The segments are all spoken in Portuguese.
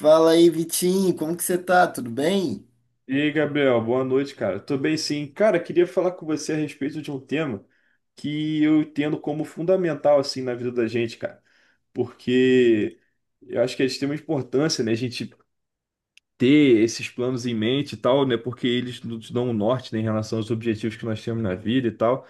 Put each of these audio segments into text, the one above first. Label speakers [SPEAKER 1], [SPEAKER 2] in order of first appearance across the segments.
[SPEAKER 1] Fala aí, Vitinho, como que você tá? Tudo bem?
[SPEAKER 2] E aí, Gabriel, boa noite, cara. Tô bem, sim. Cara, queria falar com você a respeito de um tema que eu entendo como fundamental, assim, na vida da gente, cara. Porque eu acho que é de extrema importância, né, a gente ter esses planos em mente e tal, né, porque eles nos dão um norte, né, em relação aos objetivos que nós temos na vida e tal.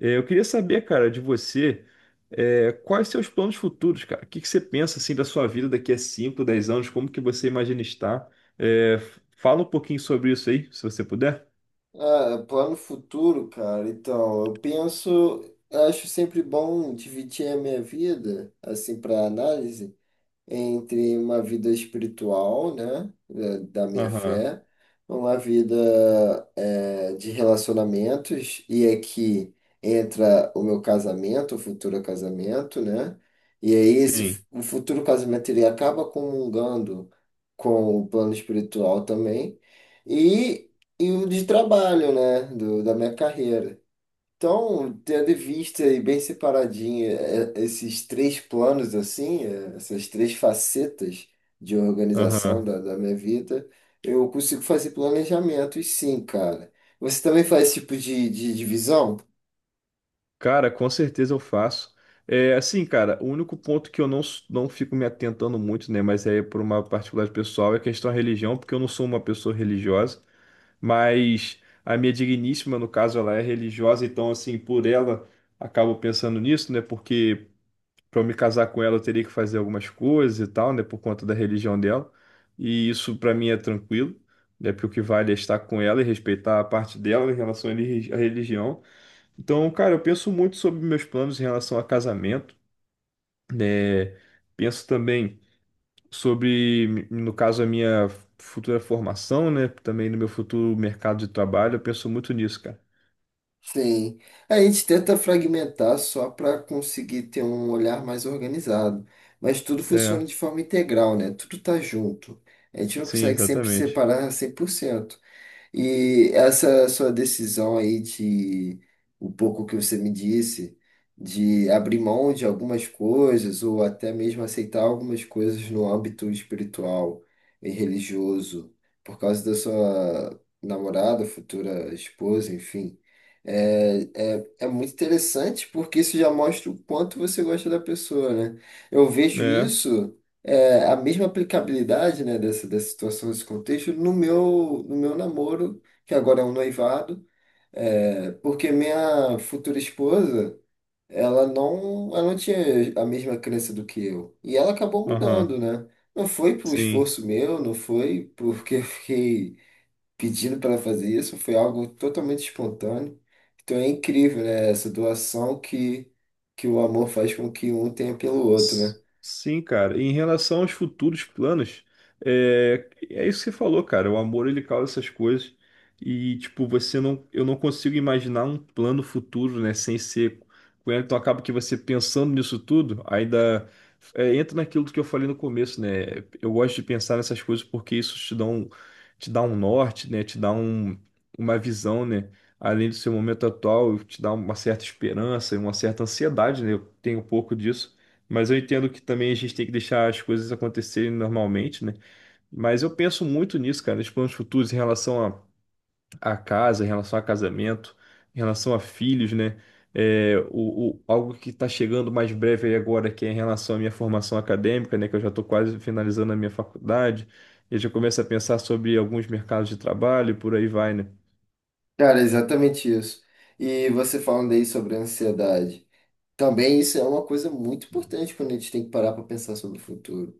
[SPEAKER 2] Eu queria saber, cara, de você, quais seus planos futuros, cara? O que que você pensa assim da sua vida daqui a cinco, 10 anos? Como que você imagina estar? Fala um pouquinho sobre isso aí, se você puder.
[SPEAKER 1] Ah, plano futuro, cara. Então, eu penso, acho sempre bom dividir a minha vida, assim, para análise, entre uma vida espiritual, né, da minha
[SPEAKER 2] Aham,
[SPEAKER 1] fé, uma vida de relacionamentos, e aqui entra o meu casamento, o futuro casamento, né? E aí
[SPEAKER 2] sim.
[SPEAKER 1] o futuro casamento ele acaba comungando com o plano espiritual também, e, e o de trabalho, né, do, da minha carreira. Então, tendo em vista e bem separadinho esses três planos, assim, essas três facetas de organização
[SPEAKER 2] Aham.
[SPEAKER 1] da minha vida, eu consigo fazer planejamentos, sim, cara. Você também faz esse tipo de divisão?
[SPEAKER 2] Cara, com certeza eu faço. Assim, cara, o único ponto que eu não, não fico me atentando muito, né? Mas é por uma particularidade pessoal, é a questão da religião, porque eu não sou uma pessoa religiosa. Mas a minha digníssima, no caso, ela é religiosa, então, assim, por ela, acabo pensando nisso, né? Porque para eu me casar com ela, eu teria que fazer algumas coisas e tal, né? Por conta da religião dela. E isso, para mim, é tranquilo, né? Porque o que vale é estar com ela e respeitar a parte dela em relação à religião. Então, cara, eu penso muito sobre meus planos em relação a casamento, né? Penso também sobre, no caso, a minha futura formação, né? Também no meu futuro mercado de trabalho, eu penso muito nisso, cara.
[SPEAKER 1] Sim. A gente tenta fragmentar só para conseguir ter um olhar mais organizado, mas tudo
[SPEAKER 2] É,
[SPEAKER 1] funciona de forma integral, né? Tudo tá junto. A gente não
[SPEAKER 2] sim,
[SPEAKER 1] consegue sempre
[SPEAKER 2] exatamente.
[SPEAKER 1] separar 100%. E essa sua decisão aí de o pouco que você me disse, de abrir mão de algumas coisas ou até mesmo aceitar algumas coisas no âmbito espiritual e religioso, por causa da sua namorada, futura esposa, enfim, é muito interessante porque isso já mostra o quanto você gosta da pessoa, né? Eu vejo
[SPEAKER 2] É,
[SPEAKER 1] isso a mesma aplicabilidade, né, dessa situação, desse contexto, no meu namoro, que agora é um noivado, porque minha futura esposa, ela não tinha a mesma crença do que eu. E ela acabou mudando,
[SPEAKER 2] aham,
[SPEAKER 1] né? Não foi por
[SPEAKER 2] sim.
[SPEAKER 1] esforço meu, não foi porque eu fiquei pedindo para ela fazer isso, foi algo totalmente espontâneo. Então é incrível, né, essa doação que o amor faz com que um tenha pelo outro, né?
[SPEAKER 2] S- Sim, cara. Em relação aos futuros planos, é isso que você falou, cara. O amor ele causa essas coisas e tipo você não, eu não consigo imaginar um plano futuro, né, sem ser com ela. Então acaba que você pensando nisso tudo, ainda entra naquilo que eu falei no começo, né? Eu gosto de pensar nessas coisas porque isso te dá um norte, né? Te dá uma visão, né? Além do seu momento atual, te dá uma certa esperança e uma certa ansiedade, né? Eu tenho um pouco disso, mas eu entendo que também a gente tem que deixar as coisas acontecerem normalmente, né? Mas eu penso muito nisso, cara, nos planos futuros em relação a, casa, em relação a casamento, em relação a filhos, né? Algo que está chegando mais breve aí agora, que é em relação à minha formação acadêmica, né? Que eu já estou quase finalizando a minha faculdade. Eu já começo a pensar sobre alguns mercados de trabalho e por aí vai, né?
[SPEAKER 1] Cara, é exatamente isso. E você falando aí sobre a ansiedade. Também isso é uma coisa muito importante quando a gente tem que parar para pensar sobre o futuro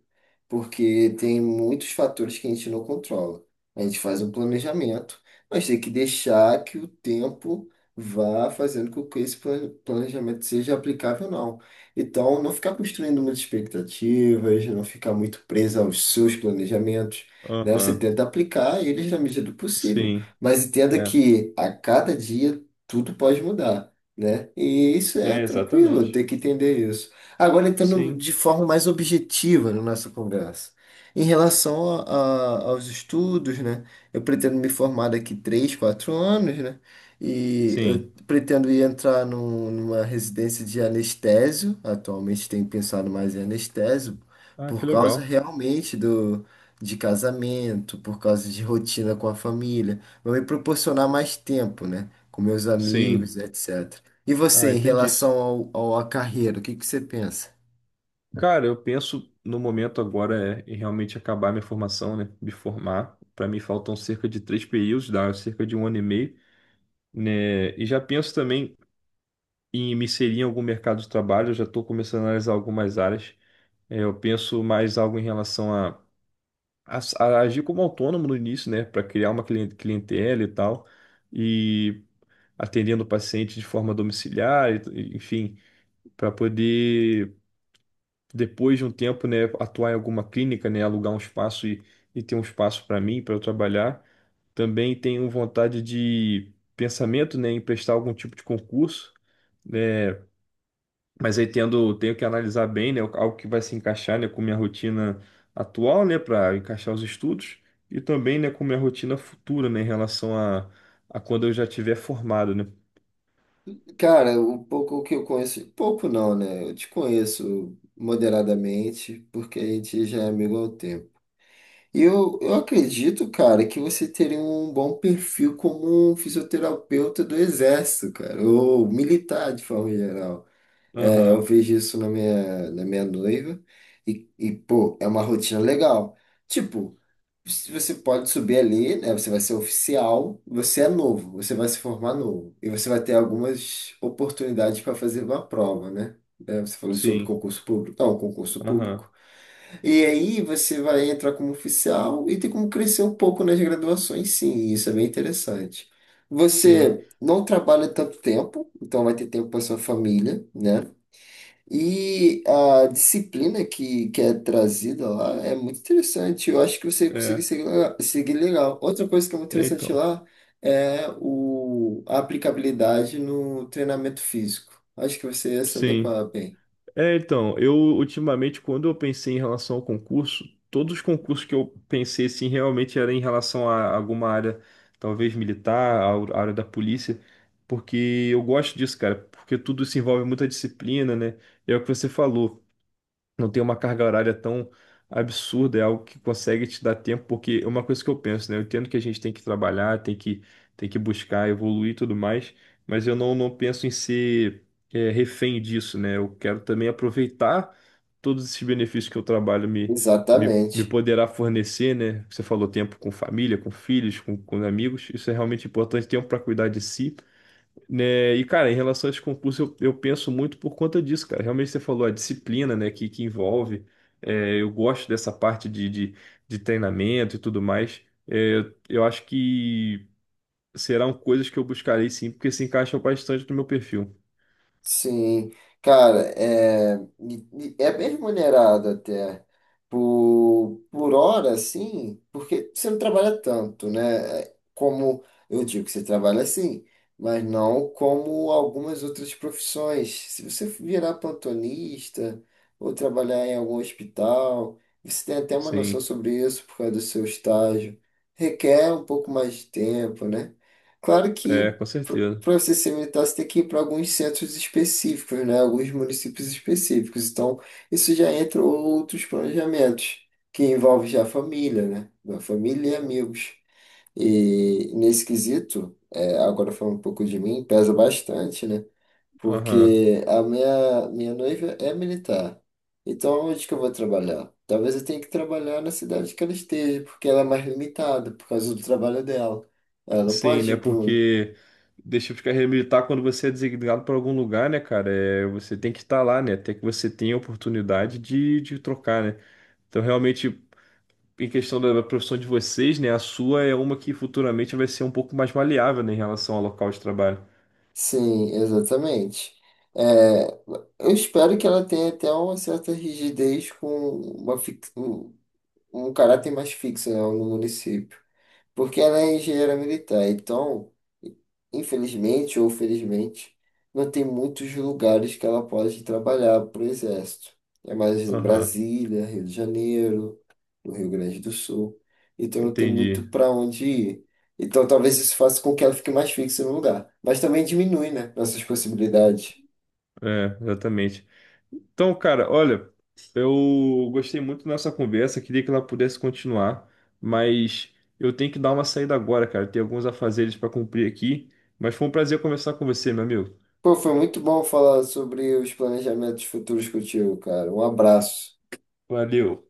[SPEAKER 1] porque tem muitos fatores que a gente não controla. A gente faz um planejamento, mas tem que deixar que o tempo vá fazendo com que esse planejamento seja aplicável ou não. Então, não ficar construindo muitas expectativas, não ficar muito preso aos seus planejamentos. Né? Você
[SPEAKER 2] Aham,
[SPEAKER 1] tenta aplicar eles na medida do possível,
[SPEAKER 2] sim,
[SPEAKER 1] mas entenda
[SPEAKER 2] é,
[SPEAKER 1] que a cada dia tudo pode mudar, né? E isso é
[SPEAKER 2] é,
[SPEAKER 1] tranquilo,
[SPEAKER 2] exatamente.
[SPEAKER 1] tem que entender isso. Agora entrando
[SPEAKER 2] Sim,
[SPEAKER 1] de forma mais objetiva na nossa conversa. Em relação aos estudos, né? Eu pretendo me formar daqui 3 4 anos, né? E eu
[SPEAKER 2] sim.
[SPEAKER 1] pretendo ir entrar numa residência de anestésio. Atualmente tenho pensado mais em anestésio,
[SPEAKER 2] Ah,
[SPEAKER 1] por
[SPEAKER 2] que
[SPEAKER 1] causa
[SPEAKER 2] legal.
[SPEAKER 1] realmente do, de casamento, por causa de rotina com a família. Vai me proporcionar mais tempo, né? Com meus amigos,
[SPEAKER 2] Sim.
[SPEAKER 1] etc. E
[SPEAKER 2] Ah,
[SPEAKER 1] você, em
[SPEAKER 2] entendi.
[SPEAKER 1] relação ao, à carreira, o que que você pensa?
[SPEAKER 2] Cara, eu penso no momento agora é em realmente acabar minha formação, né? Me formar. Para mim faltam cerca de três períodos, dá cerca de um ano e meio, né? E já penso também em me inserir em algum mercado de trabalho. Eu já estou começando a analisar algumas áreas. Eu penso mais algo em relação a, a agir como autônomo no início, né? Para criar uma clientela e tal, e atendendo o paciente de forma domiciliar, enfim, para poder depois de um tempo, né, atuar em alguma clínica, né, alugar um espaço e ter um espaço para mim, para eu trabalhar. Também tenho vontade de pensamento, né, em prestar algum tipo de concurso, né, mas aí tenho que analisar bem, né, algo que vai se encaixar, né, com minha rotina atual, né, para encaixar os estudos e também, né, com minha rotina futura, né, em relação a quando eu já tiver formado, né.
[SPEAKER 1] Cara, um pouco que eu conheço, pouco não, né? Eu te conheço moderadamente, porque a gente já é amigo há um tempo. E eu acredito, cara, que você teria um bom perfil como um fisioterapeuta do Exército, cara, ou militar de forma geral. Eu
[SPEAKER 2] Aham,
[SPEAKER 1] vejo isso na minha noiva. Pô, é uma rotina legal. Tipo, se você pode subir ali, né? Você vai ser oficial, você é novo, você vai se formar novo. E você vai ter algumas oportunidades para fazer uma prova, né? Você falou sobre
[SPEAKER 2] sim,
[SPEAKER 1] concurso público. Não, concurso público.
[SPEAKER 2] aham,
[SPEAKER 1] E aí você vai entrar como oficial e tem como crescer um pouco nas graduações, sim, e isso é bem interessante.
[SPEAKER 2] sim,
[SPEAKER 1] Você não trabalha tanto tempo, então vai ter tempo para sua família, né? E a disciplina que é trazida lá é muito interessante. Eu acho que você consegue
[SPEAKER 2] é,
[SPEAKER 1] seguir legal. Outra coisa que é muito
[SPEAKER 2] é
[SPEAKER 1] interessante
[SPEAKER 2] então,
[SPEAKER 1] lá é o, a aplicabilidade no treinamento físico. Acho que você ia se
[SPEAKER 2] sim.
[SPEAKER 1] adequar bem.
[SPEAKER 2] Então, eu ultimamente, quando eu pensei em relação ao concurso, todos os concursos que eu pensei assim realmente era em relação a alguma área, talvez militar, a área da polícia, porque eu gosto disso, cara, porque tudo se envolve muita disciplina, né? É o que você falou, não tem uma carga horária tão absurda, é algo que consegue te dar tempo, porque é uma coisa que eu penso, né? Eu entendo que a gente tem que trabalhar, tem que buscar, evoluir e tudo mais, mas eu não penso em ser refém disso, né? Eu quero também aproveitar todos esses benefícios que o trabalho me
[SPEAKER 1] Exatamente.
[SPEAKER 2] poderá fornecer, né? Você falou tempo com família, com filhos, com amigos, isso é realmente importante, tempo para cuidar de si, né? E, cara, em relação a esse concurso, eu penso muito por conta disso, cara. Realmente você falou a disciplina, né, que envolve. Eu gosto dessa parte de, treinamento e tudo mais. Eu acho que serão coisas que eu buscarei, sim, porque se encaixam bastante no meu perfil.
[SPEAKER 1] Sim, cara, e é bem remunerado até por hora, sim, porque você não trabalha tanto, né? Como eu digo que você trabalha assim, mas não como algumas outras profissões. Se você virar plantonista ou trabalhar em algum hospital, você tem até uma noção
[SPEAKER 2] Sim,
[SPEAKER 1] sobre isso por causa do seu estágio. Requer um pouco mais de tempo, né? Claro que
[SPEAKER 2] com certeza.
[SPEAKER 1] para você ser militar, você tem que ir para alguns centros específicos, né? Alguns municípios específicos. Então, isso já entra outros planejamentos, que envolve já a família, né? A família e amigos. E nesse quesito, é, agora falando um pouco de mim, pesa bastante, né?
[SPEAKER 2] Aham.
[SPEAKER 1] Porque a minha noiva é militar. Então, onde que eu vou trabalhar? Talvez eu tenha que trabalhar na cidade que ela esteja, porque ela é mais limitada por causa do trabalho dela. Ela não
[SPEAKER 2] Sim,
[SPEAKER 1] pode
[SPEAKER 2] né,
[SPEAKER 1] ir para um
[SPEAKER 2] porque deixa de carreira militar quando você é designado para algum lugar, né, cara? Você tem que estar lá, né? Até que você tenha a oportunidade de trocar, né? Então, realmente, em questão da profissão de vocês, né? A sua é uma que futuramente vai ser um pouco mais maleável, né, em relação ao local de trabalho.
[SPEAKER 1] Sim, exatamente. É, eu espero que ela tenha até uma certa rigidez com uma fix- um, um caráter mais fixo, né, no município, porque ela é engenheira militar, então, infelizmente ou felizmente, não tem muitos lugares que ela pode trabalhar para o Exército. É mais em
[SPEAKER 2] Aham,
[SPEAKER 1] Brasília, Rio de Janeiro, no Rio Grande do Sul. Então não tem muito
[SPEAKER 2] entendi.
[SPEAKER 1] para onde ir. Então talvez isso faça com que ela fique mais fixa no lugar. Mas também diminui, né, nossas possibilidades.
[SPEAKER 2] É, exatamente. Então, cara, olha, eu gostei muito da nossa conversa, queria que ela pudesse continuar, mas eu tenho que dar uma saída agora, cara. Tem alguns afazeres para cumprir aqui, mas foi um prazer conversar com você, meu amigo.
[SPEAKER 1] Pô, foi muito bom falar sobre os planejamentos futuros contigo, cara. Um abraço.
[SPEAKER 2] Valeu.